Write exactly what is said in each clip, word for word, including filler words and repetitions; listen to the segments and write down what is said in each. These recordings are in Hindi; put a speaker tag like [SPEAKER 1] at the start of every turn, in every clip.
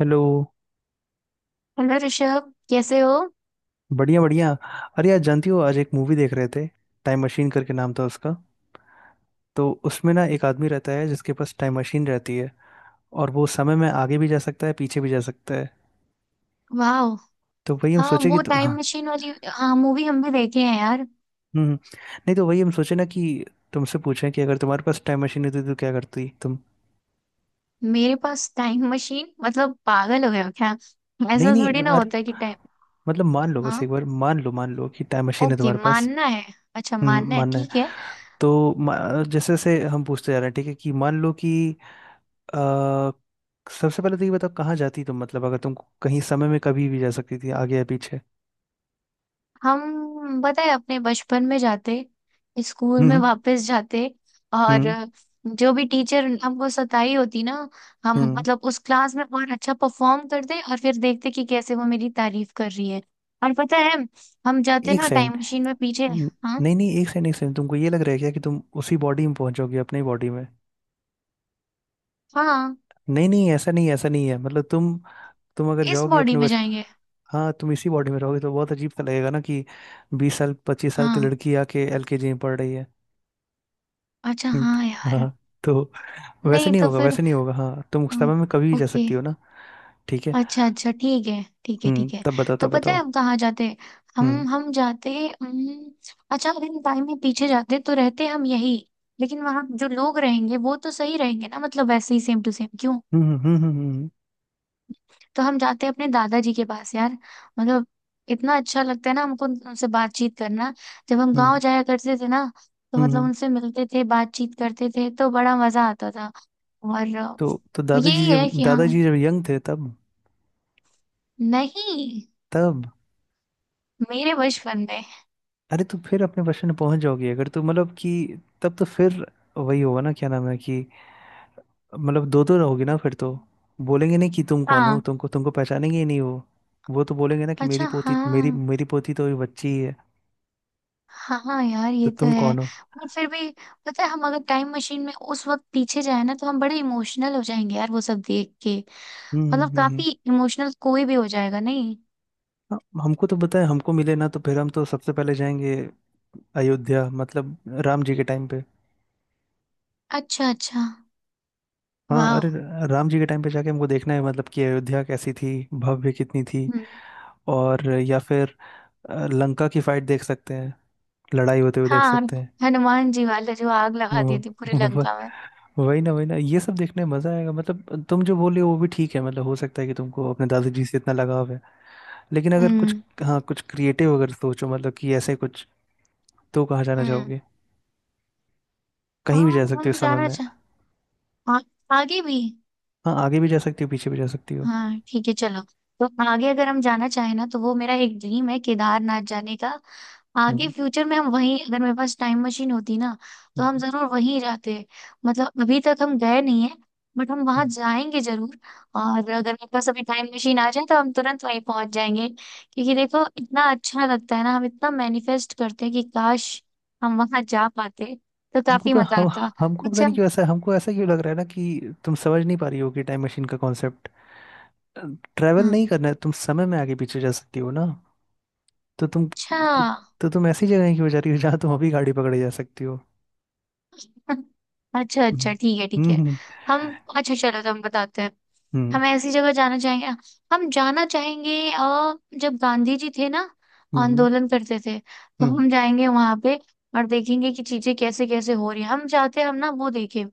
[SPEAKER 1] हेलो।
[SPEAKER 2] हेलो ऋषभ, कैसे हो?
[SPEAKER 1] बढ़िया बढ़िया। अरे यार, जानती हो, आज एक मूवी देख रहे थे। टाइम मशीन करके नाम था उसका। तो उसमें ना एक आदमी रहता है जिसके पास टाइम मशीन रहती है, और वो समय में आगे भी जा सकता है, पीछे भी जा सकता है।
[SPEAKER 2] वाह।
[SPEAKER 1] तो वही हम
[SPEAKER 2] हाँ,
[SPEAKER 1] सोचे कि
[SPEAKER 2] वो
[SPEAKER 1] तु...
[SPEAKER 2] टाइम
[SPEAKER 1] हाँ।
[SPEAKER 2] मशीन वाली, हाँ मूवी हम भी देखे हैं यार।
[SPEAKER 1] हम्म हम्म। नहीं, तो वही हम सोचे ना कि तुमसे पूछें कि अगर तुम्हारे पास टाइम मशीन होती तो क्या करती तुम।
[SPEAKER 2] मेरे पास टाइम मशीन? मतलब पागल हो गए हो क्या?
[SPEAKER 1] नहीं
[SPEAKER 2] ऐसा
[SPEAKER 1] नहीं,
[SPEAKER 2] थोड़ी ना
[SPEAKER 1] अरे,
[SPEAKER 2] होता है कि टाइम।
[SPEAKER 1] मतलब मान लो, बस
[SPEAKER 2] हाँ,
[SPEAKER 1] एक बार मान लो, मान लो कि टाइम मशीन है
[SPEAKER 2] ओके,
[SPEAKER 1] तुम्हारे पास।
[SPEAKER 2] मानना है। अच्छा,
[SPEAKER 1] हम्म,
[SPEAKER 2] मानना है,
[SPEAKER 1] मानना है।
[SPEAKER 2] ठीक है।
[SPEAKER 1] तो मा- जैसे जैसे हम पूछते जा रहे हैं, ठीक है, कि मान लो कि अ, सबसे पहले तो ये बताओ कहाँ जाती तुम, मतलब अगर तुम कहीं समय में कभी भी जा सकती थी, आगे या पीछे।
[SPEAKER 2] हम बताए, अपने बचपन में जाते, स्कूल में
[SPEAKER 1] हम्म
[SPEAKER 2] वापस जाते। और
[SPEAKER 1] हम्म
[SPEAKER 2] जो भी टीचर हमको सताई होती ना, हम
[SPEAKER 1] हम्म।
[SPEAKER 2] मतलब उस क्लास में और अच्छा परफॉर्म करते, और फिर देखते कि कैसे वो मेरी तारीफ कर रही है। और पता है, हम जाते
[SPEAKER 1] एक
[SPEAKER 2] ना टाइम
[SPEAKER 1] सेकंड।
[SPEAKER 2] मशीन में पीछे।
[SPEAKER 1] न-
[SPEAKER 2] हाँ।
[SPEAKER 1] नहीं नहीं, एक सेकंड एक सेकंड, तुमको ये लग रहा है क्या कि तुम उसी बॉडी में पहुंचोगी, अपनी बॉडी में?
[SPEAKER 2] हाँ,
[SPEAKER 1] नहीं नहीं, ऐसा नहीं, ऐसा नहीं है। मतलब तुम तुम अगर
[SPEAKER 2] इस
[SPEAKER 1] जाओगी
[SPEAKER 2] बॉडी
[SPEAKER 1] अपने
[SPEAKER 2] में
[SPEAKER 1] बच
[SPEAKER 2] जाएंगे।
[SPEAKER 1] हाँ, तुम इसी बॉडी में रहोगे तो बहुत अजीब सा लगेगा ना कि बीस साल पच्चीस साल की
[SPEAKER 2] हाँ।
[SPEAKER 1] लड़की आके एलकेजी में पढ़ रही है।
[SPEAKER 2] अच्छा,
[SPEAKER 1] हम्म।
[SPEAKER 2] हाँ यार।
[SPEAKER 1] हाँ। तो वैसे
[SPEAKER 2] नहीं,
[SPEAKER 1] नहीं
[SPEAKER 2] तो
[SPEAKER 1] होगा,
[SPEAKER 2] फिर
[SPEAKER 1] वैसे नहीं होगा। हाँ, तुम उस
[SPEAKER 2] हाँ,
[SPEAKER 1] समय में कभी भी जा
[SPEAKER 2] ओके।
[SPEAKER 1] सकती हो ना। ठीक है।
[SPEAKER 2] अच्छा अच्छा ठीक है। ठीक है
[SPEAKER 1] हम्म,
[SPEAKER 2] ठीक है।
[SPEAKER 1] तब बताओ,
[SPEAKER 2] तो
[SPEAKER 1] तब
[SPEAKER 2] पता है
[SPEAKER 1] बताओ।
[SPEAKER 2] हम कहाँ जाते? हम
[SPEAKER 1] हम्म
[SPEAKER 2] हम जाते। हम्म, अच्छा अगर इन टाइम में पीछे जाते तो रहते हम यही। लेकिन वहां जो लोग रहेंगे वो तो सही रहेंगे ना, मतलब वैसे ही, सेम टू सेम क्यों।
[SPEAKER 1] हम्म हम्म हम्म हम्म
[SPEAKER 2] तो हम जाते हैं अपने दादाजी के पास यार। मतलब इतना अच्छा लगता है ना हमको उन- उनसे बातचीत करना। जब हम
[SPEAKER 1] हम्म
[SPEAKER 2] गांव
[SPEAKER 1] हम्म।
[SPEAKER 2] जाया करते थे ना, तो
[SPEAKER 1] हम्म
[SPEAKER 2] मतलब
[SPEAKER 1] हम्म।
[SPEAKER 2] उनसे मिलते थे, बातचीत करते थे, तो बड़ा मजा आता था। और अ,
[SPEAKER 1] तो तो दादाजी,
[SPEAKER 2] यही
[SPEAKER 1] जब
[SPEAKER 2] है कि हाँ।
[SPEAKER 1] दादाजी जब यंग थे तब,
[SPEAKER 2] नहीं,
[SPEAKER 1] तब,
[SPEAKER 2] मेरे बचपन में।
[SPEAKER 1] अरे तो फिर अपने बचपन में पहुंच जाओगी अगर, तो मतलब कि तब तो फिर वही होगा ना, क्या नाम है कि मतलब दो दो रहोगी ना फिर तो। बोलेंगे नहीं कि तुम कौन हो।
[SPEAKER 2] हाँ।
[SPEAKER 1] तुमको तुमको पहचानेंगे ही नहीं वो। वो तो बोलेंगे ना कि
[SPEAKER 2] अच्छा।
[SPEAKER 1] मेरी पोती, मेरी
[SPEAKER 2] हाँ
[SPEAKER 1] मेरी पोती तो अभी बच्ची ही है,
[SPEAKER 2] हाँ यार,
[SPEAKER 1] तो
[SPEAKER 2] ये तो
[SPEAKER 1] तुम
[SPEAKER 2] है।
[SPEAKER 1] कौन हो?
[SPEAKER 2] पर फिर भी, पता है हम अगर टाइम मशीन में उस वक्त पीछे जाए ना, तो हम बड़े इमोशनल हो जाएंगे यार, वो सब देख के।
[SPEAKER 1] हम्म हम्म
[SPEAKER 2] मतलब
[SPEAKER 1] हम्म। हम्म।
[SPEAKER 2] काफी इमोशनल कोई भी हो जाएगा नहीं?
[SPEAKER 1] हाँ। हमको तो बताए हमको मिले ना, तो फिर हम तो सबसे पहले जाएंगे अयोध्या, मतलब राम जी के टाइम पे।
[SPEAKER 2] अच्छा अच्छा।
[SPEAKER 1] हाँ, अरे,
[SPEAKER 2] वाह।
[SPEAKER 1] राम जी के टाइम पे जाके हमको देखना है, मतलब कि अयोध्या कैसी थी, भव्य कितनी थी।
[SPEAKER 2] हम्म।
[SPEAKER 1] और या फिर अ, लंका की फाइट देख सकते हैं, लड़ाई होते हुए देख
[SPEAKER 2] हाँ, और
[SPEAKER 1] सकते हैं।
[SPEAKER 2] हनुमान जी वाले जो आग लगा दी
[SPEAKER 1] वो-
[SPEAKER 2] थी पूरी
[SPEAKER 1] वो-
[SPEAKER 2] लंका में।
[SPEAKER 1] वही ना, वही ना, ये सब देखने में मजा आएगा। मतलब तुम जो बोले वो भी ठीक है, मतलब हो सकता है कि तुमको अपने दादाजी से इतना लगाव है, लेकिन अगर कुछ,
[SPEAKER 2] हम्म।
[SPEAKER 1] हाँ, कुछ क्रिएटिव अगर सोचो, मतलब कि ऐसे कुछ, तो कहाँ जाना
[SPEAKER 2] हम्म।
[SPEAKER 1] चाहोगे? कहीं भी
[SPEAKER 2] हाँ,
[SPEAKER 1] जा सकते हो
[SPEAKER 2] हम
[SPEAKER 1] समय
[SPEAKER 2] जाना
[SPEAKER 1] में।
[SPEAKER 2] चाह। आ, आगे भी।
[SPEAKER 1] हाँ, आगे भी जा सकती हो, पीछे भी जा सकती हो।
[SPEAKER 2] हाँ ठीक है, चलो। तो आगे अगर हम जाना चाहें ना, तो वो मेरा एक ड्रीम है केदारनाथ जाने का। आगे
[SPEAKER 1] हम्म
[SPEAKER 2] फ्यूचर में हम वहीं, अगर मेरे पास टाइम मशीन होती ना, तो हम
[SPEAKER 1] हम्म।
[SPEAKER 2] जरूर वहीं जाते। मतलब अभी तक हम गए नहीं है, बट हम वहां
[SPEAKER 1] हम्म।
[SPEAKER 2] जाएंगे जरूर। और अगर मेरे पास अभी टाइम मशीन आ जाए, तो हम तुरंत वहीं पहुंच जाएंगे, क्योंकि देखो इतना अच्छा लगता है ना, हम इतना मैनिफेस्ट करते हैं कि काश हम वहां जा पाते, तो
[SPEAKER 1] हमको
[SPEAKER 2] काफी
[SPEAKER 1] पता
[SPEAKER 2] मजा
[SPEAKER 1] हम
[SPEAKER 2] आता।
[SPEAKER 1] हमको पता
[SPEAKER 2] अच्छा।
[SPEAKER 1] नहीं क्यों ऐसा, हमको ऐसा क्यों लग रहा है ना कि तुम समझ नहीं पा रही हो कि टाइम मशीन का कॉन्सेप्ट, ट्रैवल
[SPEAKER 2] हाँ।
[SPEAKER 1] नहीं करना है। तुम समय में आगे पीछे जा सकती हो ना, तो तुम तो,
[SPEAKER 2] अच्छा।
[SPEAKER 1] तो तुम ऐसी जगह क्यों जा रही हो जहाँ तुम अभी गाड़ी पकड़े जा सकती हो?
[SPEAKER 2] अच्छा अच्छा ठीक है ठीक
[SPEAKER 1] हम्म
[SPEAKER 2] है।
[SPEAKER 1] हम्म
[SPEAKER 2] हम। अच्छा चलो तो हम बताते हैं।
[SPEAKER 1] हम्म
[SPEAKER 2] हम ऐसी जगह जाना चाहेंगे। हम जाना चाहेंगे अ, जब गांधी जी थे ना,
[SPEAKER 1] हम्म
[SPEAKER 2] आंदोलन करते थे, तो हम जाएंगे वहां पे और देखेंगे कि चीजें कैसे कैसे हो रही है। हम चाहते हम ना वो देखें,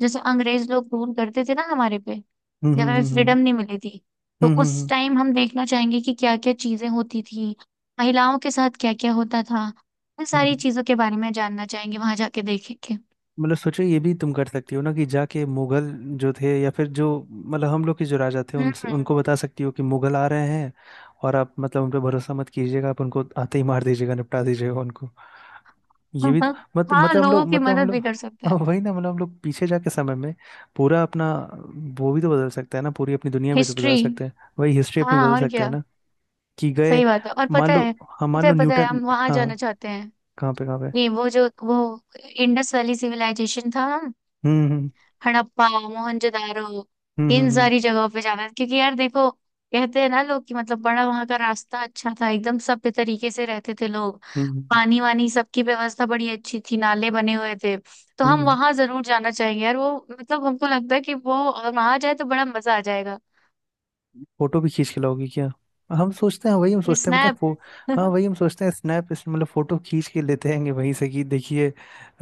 [SPEAKER 2] जैसे अंग्रेज लोग रूल करते थे ना हमारे पे,
[SPEAKER 1] हम्म हम्म
[SPEAKER 2] जब हमें
[SPEAKER 1] हम्म हम्म हम्म
[SPEAKER 2] फ्रीडम नहीं मिली थी। तो
[SPEAKER 1] हम्म हम्म हम्म
[SPEAKER 2] उस
[SPEAKER 1] हम्म
[SPEAKER 2] टाइम हम देखना चाहेंगे कि क्या क्या चीजें होती थी, महिलाओं के साथ क्या क्या होता था। इन सारी
[SPEAKER 1] हम्म।
[SPEAKER 2] चीजों के बारे में जानना चाहेंगे, वहां जाके देखेंगे।
[SPEAKER 1] मतलब सोचो, ये भी तुम कर सकती हो ना कि जाके मुगल जो थे, या फिर जो, मतलब हम लोग के जो राजा थे, उन
[SPEAKER 2] हम्म।
[SPEAKER 1] उनको बता सकती हो कि मुगल आ रहे हैं, और आप, मतलब उन पे भरोसा मत कीजिएगा, आप उनको आते ही मार दीजिएगा, निपटा दीजिएगा उनको। ये भी तो,
[SPEAKER 2] हम्म।
[SPEAKER 1] मत,
[SPEAKER 2] हाँ,
[SPEAKER 1] मतलब हम लोग,
[SPEAKER 2] लोगों की
[SPEAKER 1] मतलब हम
[SPEAKER 2] मदद
[SPEAKER 1] लोग,
[SPEAKER 2] भी कर सकते
[SPEAKER 1] हाँ,
[SPEAKER 2] हैं।
[SPEAKER 1] वही ना, मतलब हम लोग पीछे जाके समय में पूरा अपना, वो भी तो बदल सकता है ना, पूरी अपनी दुनिया भी तो
[SPEAKER 2] हिस्ट्री।
[SPEAKER 1] बदल सकते हैं। वही हिस्ट्री अपनी
[SPEAKER 2] हाँ,
[SPEAKER 1] बदल
[SPEAKER 2] और
[SPEAKER 1] सकते हैं
[SPEAKER 2] क्या।
[SPEAKER 1] ना, कि गए,
[SPEAKER 2] सही बात है। और
[SPEAKER 1] मान
[SPEAKER 2] पता
[SPEAKER 1] लो,
[SPEAKER 2] है,
[SPEAKER 1] हाँ, मान
[SPEAKER 2] पता है
[SPEAKER 1] लो
[SPEAKER 2] पता है
[SPEAKER 1] न्यूटन,
[SPEAKER 2] हम वहां
[SPEAKER 1] हाँ।
[SPEAKER 2] जाना चाहते हैं।
[SPEAKER 1] कहाँ पे, कहाँ पे?
[SPEAKER 2] नहीं, वो जो वो इंडस वैली सिविलाइजेशन था, हम
[SPEAKER 1] हम्म हम्म
[SPEAKER 2] हड़प्पा मोहनजोदारो,
[SPEAKER 1] हम्म हम्म
[SPEAKER 2] इन
[SPEAKER 1] हम्म
[SPEAKER 2] सारी जगहों पे जाना है। क्योंकि यार देखो, कहते हैं ना लोग कि मतलब बड़ा वहां का रास्ता अच्छा था, एकदम सभ्य तरीके से रहते थे लोग,
[SPEAKER 1] हम्म हम्म
[SPEAKER 2] पानी वानी सबकी व्यवस्था बड़ी अच्छी थी, नाले बने हुए थे। तो हम
[SPEAKER 1] हम्म।
[SPEAKER 2] वहां जरूर जाना चाहेंगे यार, वो मतलब हमको लगता है कि वो अगर वहां जाए तो बड़ा मजा आ जाएगा।
[SPEAKER 1] फोटो भी खींच के लाओगी क्या? हम सोचते हैं, वही हम सोचते हैं, पता है,
[SPEAKER 2] स्नैप।
[SPEAKER 1] फो हाँ वही हम सोचते हैं, स्नैप, इस- मतलब फोटो खींच के लेते हैं वहीं से कि देखिए,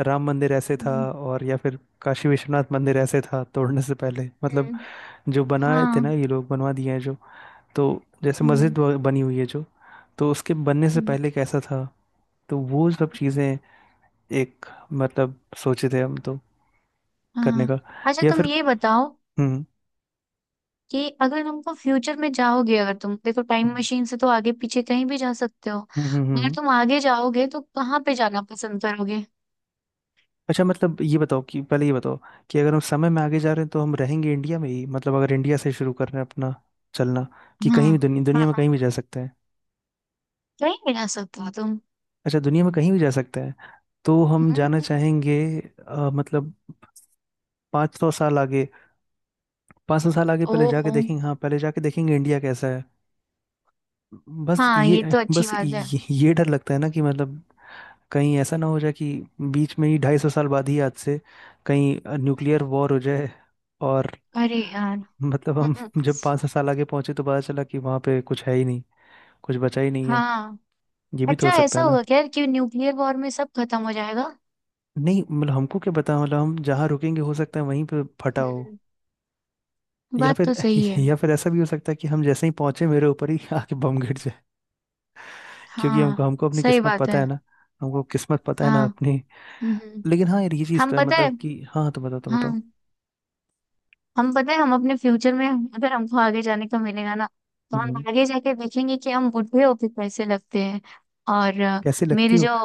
[SPEAKER 1] राम मंदिर ऐसे था,
[SPEAKER 2] हम्म।
[SPEAKER 1] और या फिर काशी विश्वनाथ मंदिर ऐसे था तोड़ने से पहले, मतलब
[SPEAKER 2] हम्म,
[SPEAKER 1] जो बनाए थे ना
[SPEAKER 2] हाँ।
[SPEAKER 1] ये लोग, बनवा दिए हैं जो, तो जैसे
[SPEAKER 2] हम्म
[SPEAKER 1] मस्जिद व- बनी हुई है जो, तो उसके बनने से
[SPEAKER 2] हम्म,
[SPEAKER 1] पहले कैसा था। तो वो सब चीजें एक, मतलब सोचे थे हम तो, करने का।
[SPEAKER 2] हाँ। अच्छा
[SPEAKER 1] या
[SPEAKER 2] तुम
[SPEAKER 1] फिर,
[SPEAKER 2] ये बताओ
[SPEAKER 1] हम्म
[SPEAKER 2] कि अगर तुमको फ्यूचर में जाओगे, अगर तुम देखो टाइम
[SPEAKER 1] हम्म
[SPEAKER 2] मशीन से, तो आगे पीछे कहीं भी जा सकते हो।
[SPEAKER 1] हम्म हम्म हम्म।
[SPEAKER 2] अगर
[SPEAKER 1] हम्म।
[SPEAKER 2] तुम आगे जाओगे तो कहाँ पे जाना पसंद करोगे?
[SPEAKER 1] अच्छा मतलब ये बताओ कि, पहले ये बताओ कि अगर हम समय में आगे जा रहे हैं तो हम रहेंगे इंडिया में ही, मतलब अगर इंडिया से शुरू कर रहे हैं अपना चलना, कि
[SPEAKER 2] हाँ।
[SPEAKER 1] कहीं भी दुनिया, दुनिया
[SPEAKER 2] हाँ।
[SPEAKER 1] में
[SPEAKER 2] हाँ,
[SPEAKER 1] कहीं भी जा सकते हैं?
[SPEAKER 2] कहीं भी जा सकते हो तुम।
[SPEAKER 1] अच्छा, दुनिया में कहीं भी जा सकते हैं, तो हम जाना
[SPEAKER 2] हम्म।
[SPEAKER 1] चाहेंगे अ, मतलब पाँच सौ साल आगे, पाँच सौ साल आगे पहले जाके
[SPEAKER 2] ओहो।
[SPEAKER 1] देखेंगे, हाँ पहले जाके देखेंगे इंडिया कैसा है। बस
[SPEAKER 2] हाँ ये
[SPEAKER 1] ये
[SPEAKER 2] तो अच्छी
[SPEAKER 1] बस
[SPEAKER 2] बात है।
[SPEAKER 1] ये, ये डर लगता है ना कि मतलब कहीं ऐसा ना हो जाए कि बीच में ही, ढाई सौ साल बाद ही आज से, कहीं न्यूक्लियर वॉर हो जाए, और
[SPEAKER 2] अरे यार।
[SPEAKER 1] मतलब हम
[SPEAKER 2] हम्म,
[SPEAKER 1] जब पाँच सात साल आगे पहुंचे तो पता चला कि वहां पे कुछ है ही नहीं, कुछ बचा ही नहीं है।
[SPEAKER 2] हाँ।
[SPEAKER 1] ये भी तो हो
[SPEAKER 2] अच्छा
[SPEAKER 1] सकता
[SPEAKER 2] ऐसा
[SPEAKER 1] है ना।
[SPEAKER 2] होगा क्या कि न्यूक्लियर वॉर में सब खत्म हो जाएगा?
[SPEAKER 1] नहीं मतलब हमको क्या पता, मतलब हम जहाँ रुकेंगे हो सकता है वहीं पे फटा हो,
[SPEAKER 2] हम्म।
[SPEAKER 1] या
[SPEAKER 2] बात
[SPEAKER 1] फिर
[SPEAKER 2] तो सही है।
[SPEAKER 1] या फिर ऐसा भी हो सकता है कि हम जैसे ही पहुंचे, मेरे ऊपर ही आके बम गिर जाए, क्योंकि हमको,
[SPEAKER 2] हाँ।
[SPEAKER 1] हमको अपनी
[SPEAKER 2] सही
[SPEAKER 1] किस्मत
[SPEAKER 2] बात
[SPEAKER 1] पता है
[SPEAKER 2] है।
[SPEAKER 1] ना। हमको किस्मत पता है ना
[SPEAKER 2] हाँ।
[SPEAKER 1] अपनी।
[SPEAKER 2] हम्म।
[SPEAKER 1] लेकिन हाँ यार, ये चीज़
[SPEAKER 2] हम
[SPEAKER 1] तो है
[SPEAKER 2] पता है
[SPEAKER 1] मतलब कि, हाँ, तो बताओ, तो बताओ।
[SPEAKER 2] हाँ हम पता है हम अपने फ्यूचर में, अगर हमको आगे जाने का मिलेगा ना, तो
[SPEAKER 1] हम्म।
[SPEAKER 2] हम आगे जाके देखेंगे कि हम बुढ़े होके कैसे लगते हैं। और अ,
[SPEAKER 1] कैसे लगती
[SPEAKER 2] मेरे
[SPEAKER 1] हो?
[SPEAKER 2] जो,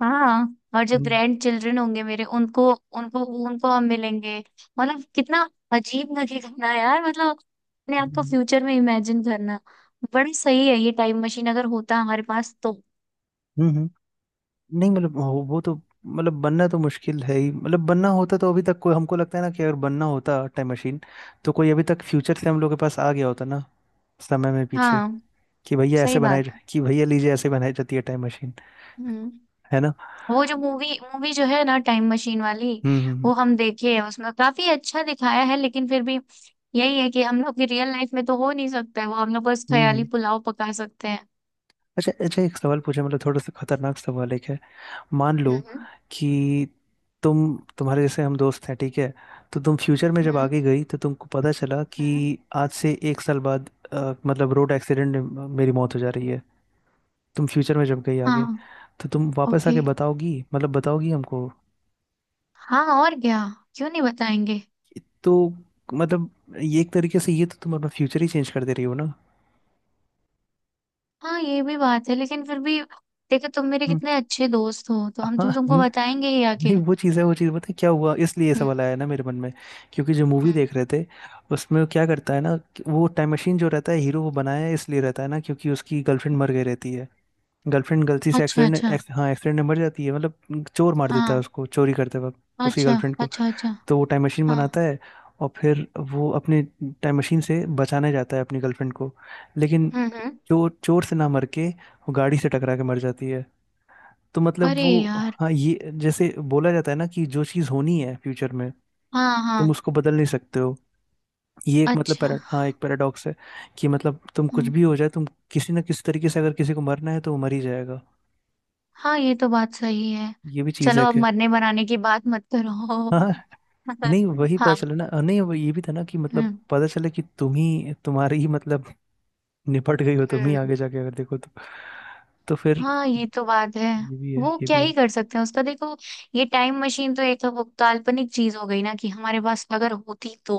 [SPEAKER 2] हाँ, और जो
[SPEAKER 1] हम्म
[SPEAKER 2] ग्रैंड चिल्ड्रन होंगे मेरे, उनको, उनको उनको हम मिलेंगे। मतलब कितना अजीब लगेगा ना यार, मतलब अपने आप को
[SPEAKER 1] हम्म
[SPEAKER 2] फ्यूचर में इमेजिन करना। बड़ी सही है ये टाइम मशीन, अगर होता हमारे पास तो।
[SPEAKER 1] हम्म। हम्म। नहीं मतलब, हो- वो तो, मतलब बनना तो मुश्किल है ही, मतलब बनना होता तो अभी तक कोई, हमको लगता है ना कि अगर बनना होता टाइम मशीन, तो कोई अभी तक फ्यूचर से हम लोग के पास आ गया होता ना, समय में पीछे,
[SPEAKER 2] हाँ
[SPEAKER 1] कि भैया
[SPEAKER 2] सही
[SPEAKER 1] ऐसे बनाई,
[SPEAKER 2] बात है।
[SPEAKER 1] कि भैया लीजिए, ऐसे बनाई जाती है टाइम मशीन।
[SPEAKER 2] हम्म।
[SPEAKER 1] है ना?
[SPEAKER 2] वो जो मूवी मूवी जो है ना टाइम मशीन वाली,
[SPEAKER 1] हम्म हम्म
[SPEAKER 2] वो हम देखे हैं, उसमें काफी अच्छा दिखाया है। लेकिन फिर भी यही है कि हम लोग की रियल लाइफ में तो हो नहीं सकता है वो, हम लोग बस
[SPEAKER 1] हम्म हम्म।
[SPEAKER 2] ख्याली
[SPEAKER 1] हम्म।
[SPEAKER 2] पुलाव पका सकते हैं।
[SPEAKER 1] अच्छा अच्छा, एक सवाल पूछे, मतलब थोड़ा सा खतरनाक सवाल एक है। मान लो
[SPEAKER 2] हम्म।
[SPEAKER 1] कि, तुम, तुम्हारे जैसे हम दोस्त हैं, ठीक है, तो तुम फ्यूचर में जब
[SPEAKER 2] हम्म।
[SPEAKER 1] आगे गई तो तुमको पता चला कि
[SPEAKER 2] हम्म।
[SPEAKER 1] आज से एक साल बाद अ, मतलब रोड एक्सीडेंट में मेरी मौत हो जा रही है। तुम फ्यूचर में जब गई
[SPEAKER 2] हाँ।
[SPEAKER 1] आगे, तो तुम वापस
[SPEAKER 2] ओके।
[SPEAKER 1] आके बताओगी, मतलब बताओगी हमको?
[SPEAKER 2] हाँ और क्या, क्यों नहीं बताएंगे।
[SPEAKER 1] तो मतलब, ये एक तरीके से, ये तो तुम अपना फ्यूचर ही चेंज कर दे रही हो ना।
[SPEAKER 2] हाँ ये भी बात है, लेकिन फिर भी देखो, तुम मेरे
[SPEAKER 1] हम्म।
[SPEAKER 2] कितने अच्छे दोस्त हो, तो हम
[SPEAKER 1] हाँ।
[SPEAKER 2] तुम तुमको बताएंगे ही आके।
[SPEAKER 1] नहीं, वो चीज़ है, वो चीज़ पता है क्या हुआ, इसलिए ये
[SPEAKER 2] हम्म।
[SPEAKER 1] सवाल आया ना मेरे मन में, क्योंकि जो मूवी
[SPEAKER 2] हम्म।
[SPEAKER 1] देख रहे थे, उसमें वो क्या करता है ना, कि वो, टाइम मशीन जो रहता है हीरो, वो बनाया इसलिए रहता है ना, क्योंकि उसकी गर्लफ्रेंड मर गई रहती है। गर्लफ्रेंड गलती से
[SPEAKER 2] अच्छा
[SPEAKER 1] एक्सीडेंट,
[SPEAKER 2] अच्छा।
[SPEAKER 1] एक्स, हाँ एक्सीडेंट में मर जाती है, मतलब चोर मार देता है
[SPEAKER 2] हाँ।
[SPEAKER 1] उसको चोरी करते वक्त, उसकी
[SPEAKER 2] अच्छा
[SPEAKER 1] गर्लफ्रेंड को।
[SPEAKER 2] अच्छा अच्छा।
[SPEAKER 1] तो वो टाइम मशीन
[SPEAKER 2] हाँ।
[SPEAKER 1] बनाता है, और फिर वो अपने टाइम मशीन से बचाने जाता है अपनी गर्लफ्रेंड को। लेकिन
[SPEAKER 2] हम्म। हम्म।
[SPEAKER 1] चोर चोर से ना मर के वो गाड़ी से टकरा के मर जाती है। तो मतलब
[SPEAKER 2] अरे
[SPEAKER 1] वो,
[SPEAKER 2] यार।
[SPEAKER 1] हाँ, ये जैसे बोला जाता है ना कि जो चीज़ होनी है फ्यूचर में,
[SPEAKER 2] हाँ
[SPEAKER 1] तुम
[SPEAKER 2] हाँ।
[SPEAKER 1] उसको बदल नहीं सकते हो। ये एक, मतलब पैरा
[SPEAKER 2] अच्छा।
[SPEAKER 1] हाँ, एक पैराडॉक्स है, कि मतलब तुम कुछ
[SPEAKER 2] हम्म,
[SPEAKER 1] भी हो जाए, तुम किसी ना किसी तरीके से, अगर किसी को मरना है तो वो मर ही जाएगा।
[SPEAKER 2] हाँ ये तो बात सही है।
[SPEAKER 1] ये भी चीज़ है
[SPEAKER 2] चलो, अब
[SPEAKER 1] कि,
[SPEAKER 2] मरने बनाने की बात मत करो।
[SPEAKER 1] हाँ, नहीं, वही पता
[SPEAKER 2] हाँ।
[SPEAKER 1] चले ना, नहीं, वो ये भी था ना कि मतलब
[SPEAKER 2] हम्म।
[SPEAKER 1] पता चले कि तुम ही, तुम्हारी ही मतलब निपट गई हो तुम ही,
[SPEAKER 2] हम्म।
[SPEAKER 1] आगे जाके अगर देखो तो तो फिर,
[SPEAKER 2] हाँ ये तो बात है।
[SPEAKER 1] ये भी है,
[SPEAKER 2] वो
[SPEAKER 1] ये
[SPEAKER 2] क्या
[SPEAKER 1] भी
[SPEAKER 2] ही
[SPEAKER 1] है।
[SPEAKER 2] कर सकते हैं उसका, देखो, ये टाइम मशीन तो एक वो काल्पनिक चीज हो गई ना, कि हमारे पास अगर होती तो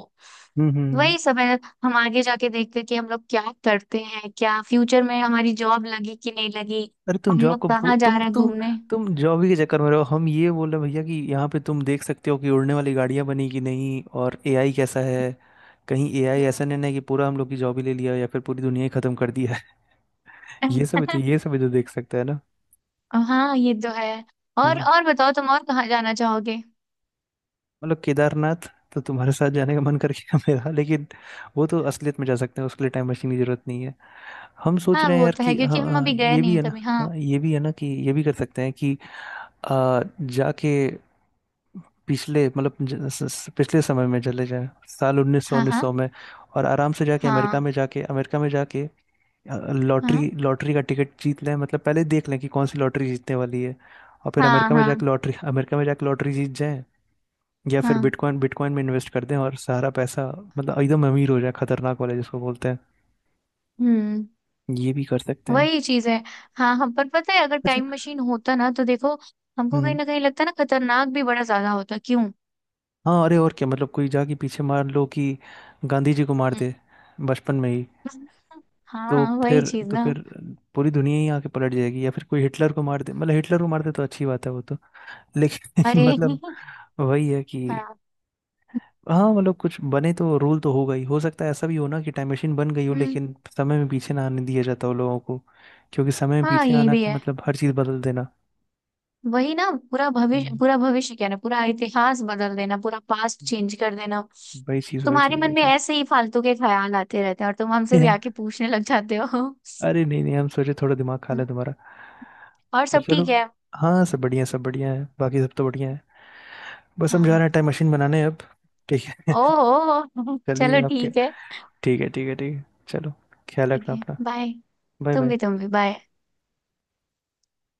[SPEAKER 1] हम्म हम्म हम्म।
[SPEAKER 2] वही समय, हम आगे जाके देखते कि हम लोग क्या करते हैं, क्या फ्यूचर में हमारी जॉब लगी कि नहीं लगी,
[SPEAKER 1] अरे तुम
[SPEAKER 2] हम
[SPEAKER 1] जॉब
[SPEAKER 2] लोग
[SPEAKER 1] को, भू-
[SPEAKER 2] कहाँ जा
[SPEAKER 1] तुम
[SPEAKER 2] रहे हैं
[SPEAKER 1] तुम
[SPEAKER 2] घूमने।
[SPEAKER 1] तुम जॉब ही के चक्कर में रहो। हम ये बोल रहे हैं भैया कि यहाँ पे तुम देख सकते हो कि उड़ने वाली गाड़ियाँ बनी कि नहीं, और एआई कैसा है। कहीं एआई ऐसा नहीं ना है कि पूरा हम लोग की जॉब ही ले लिया, या फिर पूरी दुनिया ही खत्म कर दिया है। ये
[SPEAKER 2] हम्म।
[SPEAKER 1] सब भी तो ये सब भी तो देख सकते हैं ना।
[SPEAKER 2] हाँ ये तो है। और
[SPEAKER 1] हम्म।
[SPEAKER 2] और बताओ तुम, और कहाँ जाना चाहोगे?
[SPEAKER 1] मतलब केदारनाथ तो तुम्हारे साथ जाने का मन कर गया मेरा, लेकिन वो तो असलियत में जा सकते हैं, उसके लिए टाइम मशीन की जरूरत नहीं है। हम सोच
[SPEAKER 2] हाँ
[SPEAKER 1] रहे हैं
[SPEAKER 2] वो
[SPEAKER 1] यार
[SPEAKER 2] तो है,
[SPEAKER 1] कि हाँ
[SPEAKER 2] क्योंकि हम
[SPEAKER 1] हाँ,
[SPEAKER 2] अभी गए
[SPEAKER 1] ये भी
[SPEAKER 2] नहीं
[SPEAKER 1] है ना,
[SPEAKER 2] कभी। हाँ।
[SPEAKER 1] हाँ ये भी है ना कि ये भी कर सकते हैं कि आ, जाके पिछले, मतलब ज- स- स- पिछले समय में चले जाएं साल उन्नीस सौ,
[SPEAKER 2] हाँ।
[SPEAKER 1] उन्नीस
[SPEAKER 2] हाँ।
[SPEAKER 1] सौ में, और आराम से जाके अमेरिका
[SPEAKER 2] हाँ।
[SPEAKER 1] में जाके, अमेरिका में जाके लॉटरी,
[SPEAKER 2] हाँ।
[SPEAKER 1] लॉटरी का टिकट जीत लें, मतलब पहले ही देख लें कि कौन सी लॉटरी जीतने वाली है, और फिर
[SPEAKER 2] हाँ।
[SPEAKER 1] अमेरिका में
[SPEAKER 2] हाँ।
[SPEAKER 1] जाके लॉटरी, अमेरिका में जाके लॉटरी जीत जाएं, या फिर
[SPEAKER 2] हाँ।
[SPEAKER 1] बिटकॉइन, बिटकॉइन में इन्वेस्ट कर दें, और सारा पैसा, मतलब एकदम अमीर हो जाए, खतरनाक वाले जिसको बोलते हैं।
[SPEAKER 2] हम्म।
[SPEAKER 1] ये भी कर सकते हैं।
[SPEAKER 2] वही चीज है। हाँ, हम पर पता है अगर
[SPEAKER 1] अच्छा।
[SPEAKER 2] टाइम मशीन होता ना, तो देखो हमको कहीं
[SPEAKER 1] हम्म।
[SPEAKER 2] ना कहीं लगता ना, खतरनाक भी बड़ा ज्यादा होता क्यों।
[SPEAKER 1] हाँ अरे, और क्या, मतलब कोई जाके पीछे मार लो कि गांधी जी को मार
[SPEAKER 2] हम्म।
[SPEAKER 1] दे बचपन में ही, तो
[SPEAKER 2] हाँ वही
[SPEAKER 1] फिर,
[SPEAKER 2] चीज
[SPEAKER 1] तो
[SPEAKER 2] ना।
[SPEAKER 1] फिर पूरी दुनिया ही आके पलट जाएगी, या फिर कोई हिटलर को मार दे, मतलब हिटलर को मार दे तो अच्छी बात है वो तो, लेकिन
[SPEAKER 2] अरे।
[SPEAKER 1] मतलब वही है कि,
[SPEAKER 2] हाँ।
[SPEAKER 1] हाँ मतलब कुछ बने तो रूल तो होगा ही। हो सकता है ऐसा भी हो ना कि टाइम मशीन बन गई हो,
[SPEAKER 2] हम्म।
[SPEAKER 1] लेकिन समय में पीछे ना आने दिया जाता हो लोगों को, क्योंकि समय में
[SPEAKER 2] हाँ
[SPEAKER 1] पीछे
[SPEAKER 2] ये
[SPEAKER 1] आना
[SPEAKER 2] भी
[SPEAKER 1] कि
[SPEAKER 2] है।
[SPEAKER 1] मतलब हर चीज़ बदल देना।
[SPEAKER 2] वही ना, पूरा भविष्य
[SPEAKER 1] हम्म।
[SPEAKER 2] पूरा भविष्य क्या ना, पूरा इतिहास बदल देना, पूरा पास्ट चेंज कर देना।
[SPEAKER 1] वही चीज़ वही
[SPEAKER 2] तुम्हारे
[SPEAKER 1] चीज़ वही
[SPEAKER 2] मन में
[SPEAKER 1] चीज़।
[SPEAKER 2] ऐसे ही फालतू के ख्याल आते रहते हैं, और तुम हमसे भी आके पूछने लग जाते हो। हम्म,
[SPEAKER 1] अरे नहीं नहीं, हम सोचे थोड़ा दिमाग खा ले तुम्हारा।
[SPEAKER 2] और
[SPEAKER 1] पर
[SPEAKER 2] सब
[SPEAKER 1] चलो,
[SPEAKER 2] ठीक है?
[SPEAKER 1] हाँ सब बढ़िया, सब बढ़िया है, बाकी सब तो बढ़िया है। बस हम जा रहे
[SPEAKER 2] हाँ।
[SPEAKER 1] हैं टाइम मशीन बनाने अब। ठीक है।
[SPEAKER 2] ओह
[SPEAKER 1] चलिए
[SPEAKER 2] चलो,
[SPEAKER 1] आपके,
[SPEAKER 2] ठीक है।
[SPEAKER 1] ठीक है ठीक है ठीक है, चलो, ख्याल
[SPEAKER 2] ठीक
[SPEAKER 1] रखना
[SPEAKER 2] है,
[SPEAKER 1] अपना।
[SPEAKER 2] बाय।
[SPEAKER 1] बाय
[SPEAKER 2] तुम भी,
[SPEAKER 1] बाय।
[SPEAKER 2] तुम भी बाय।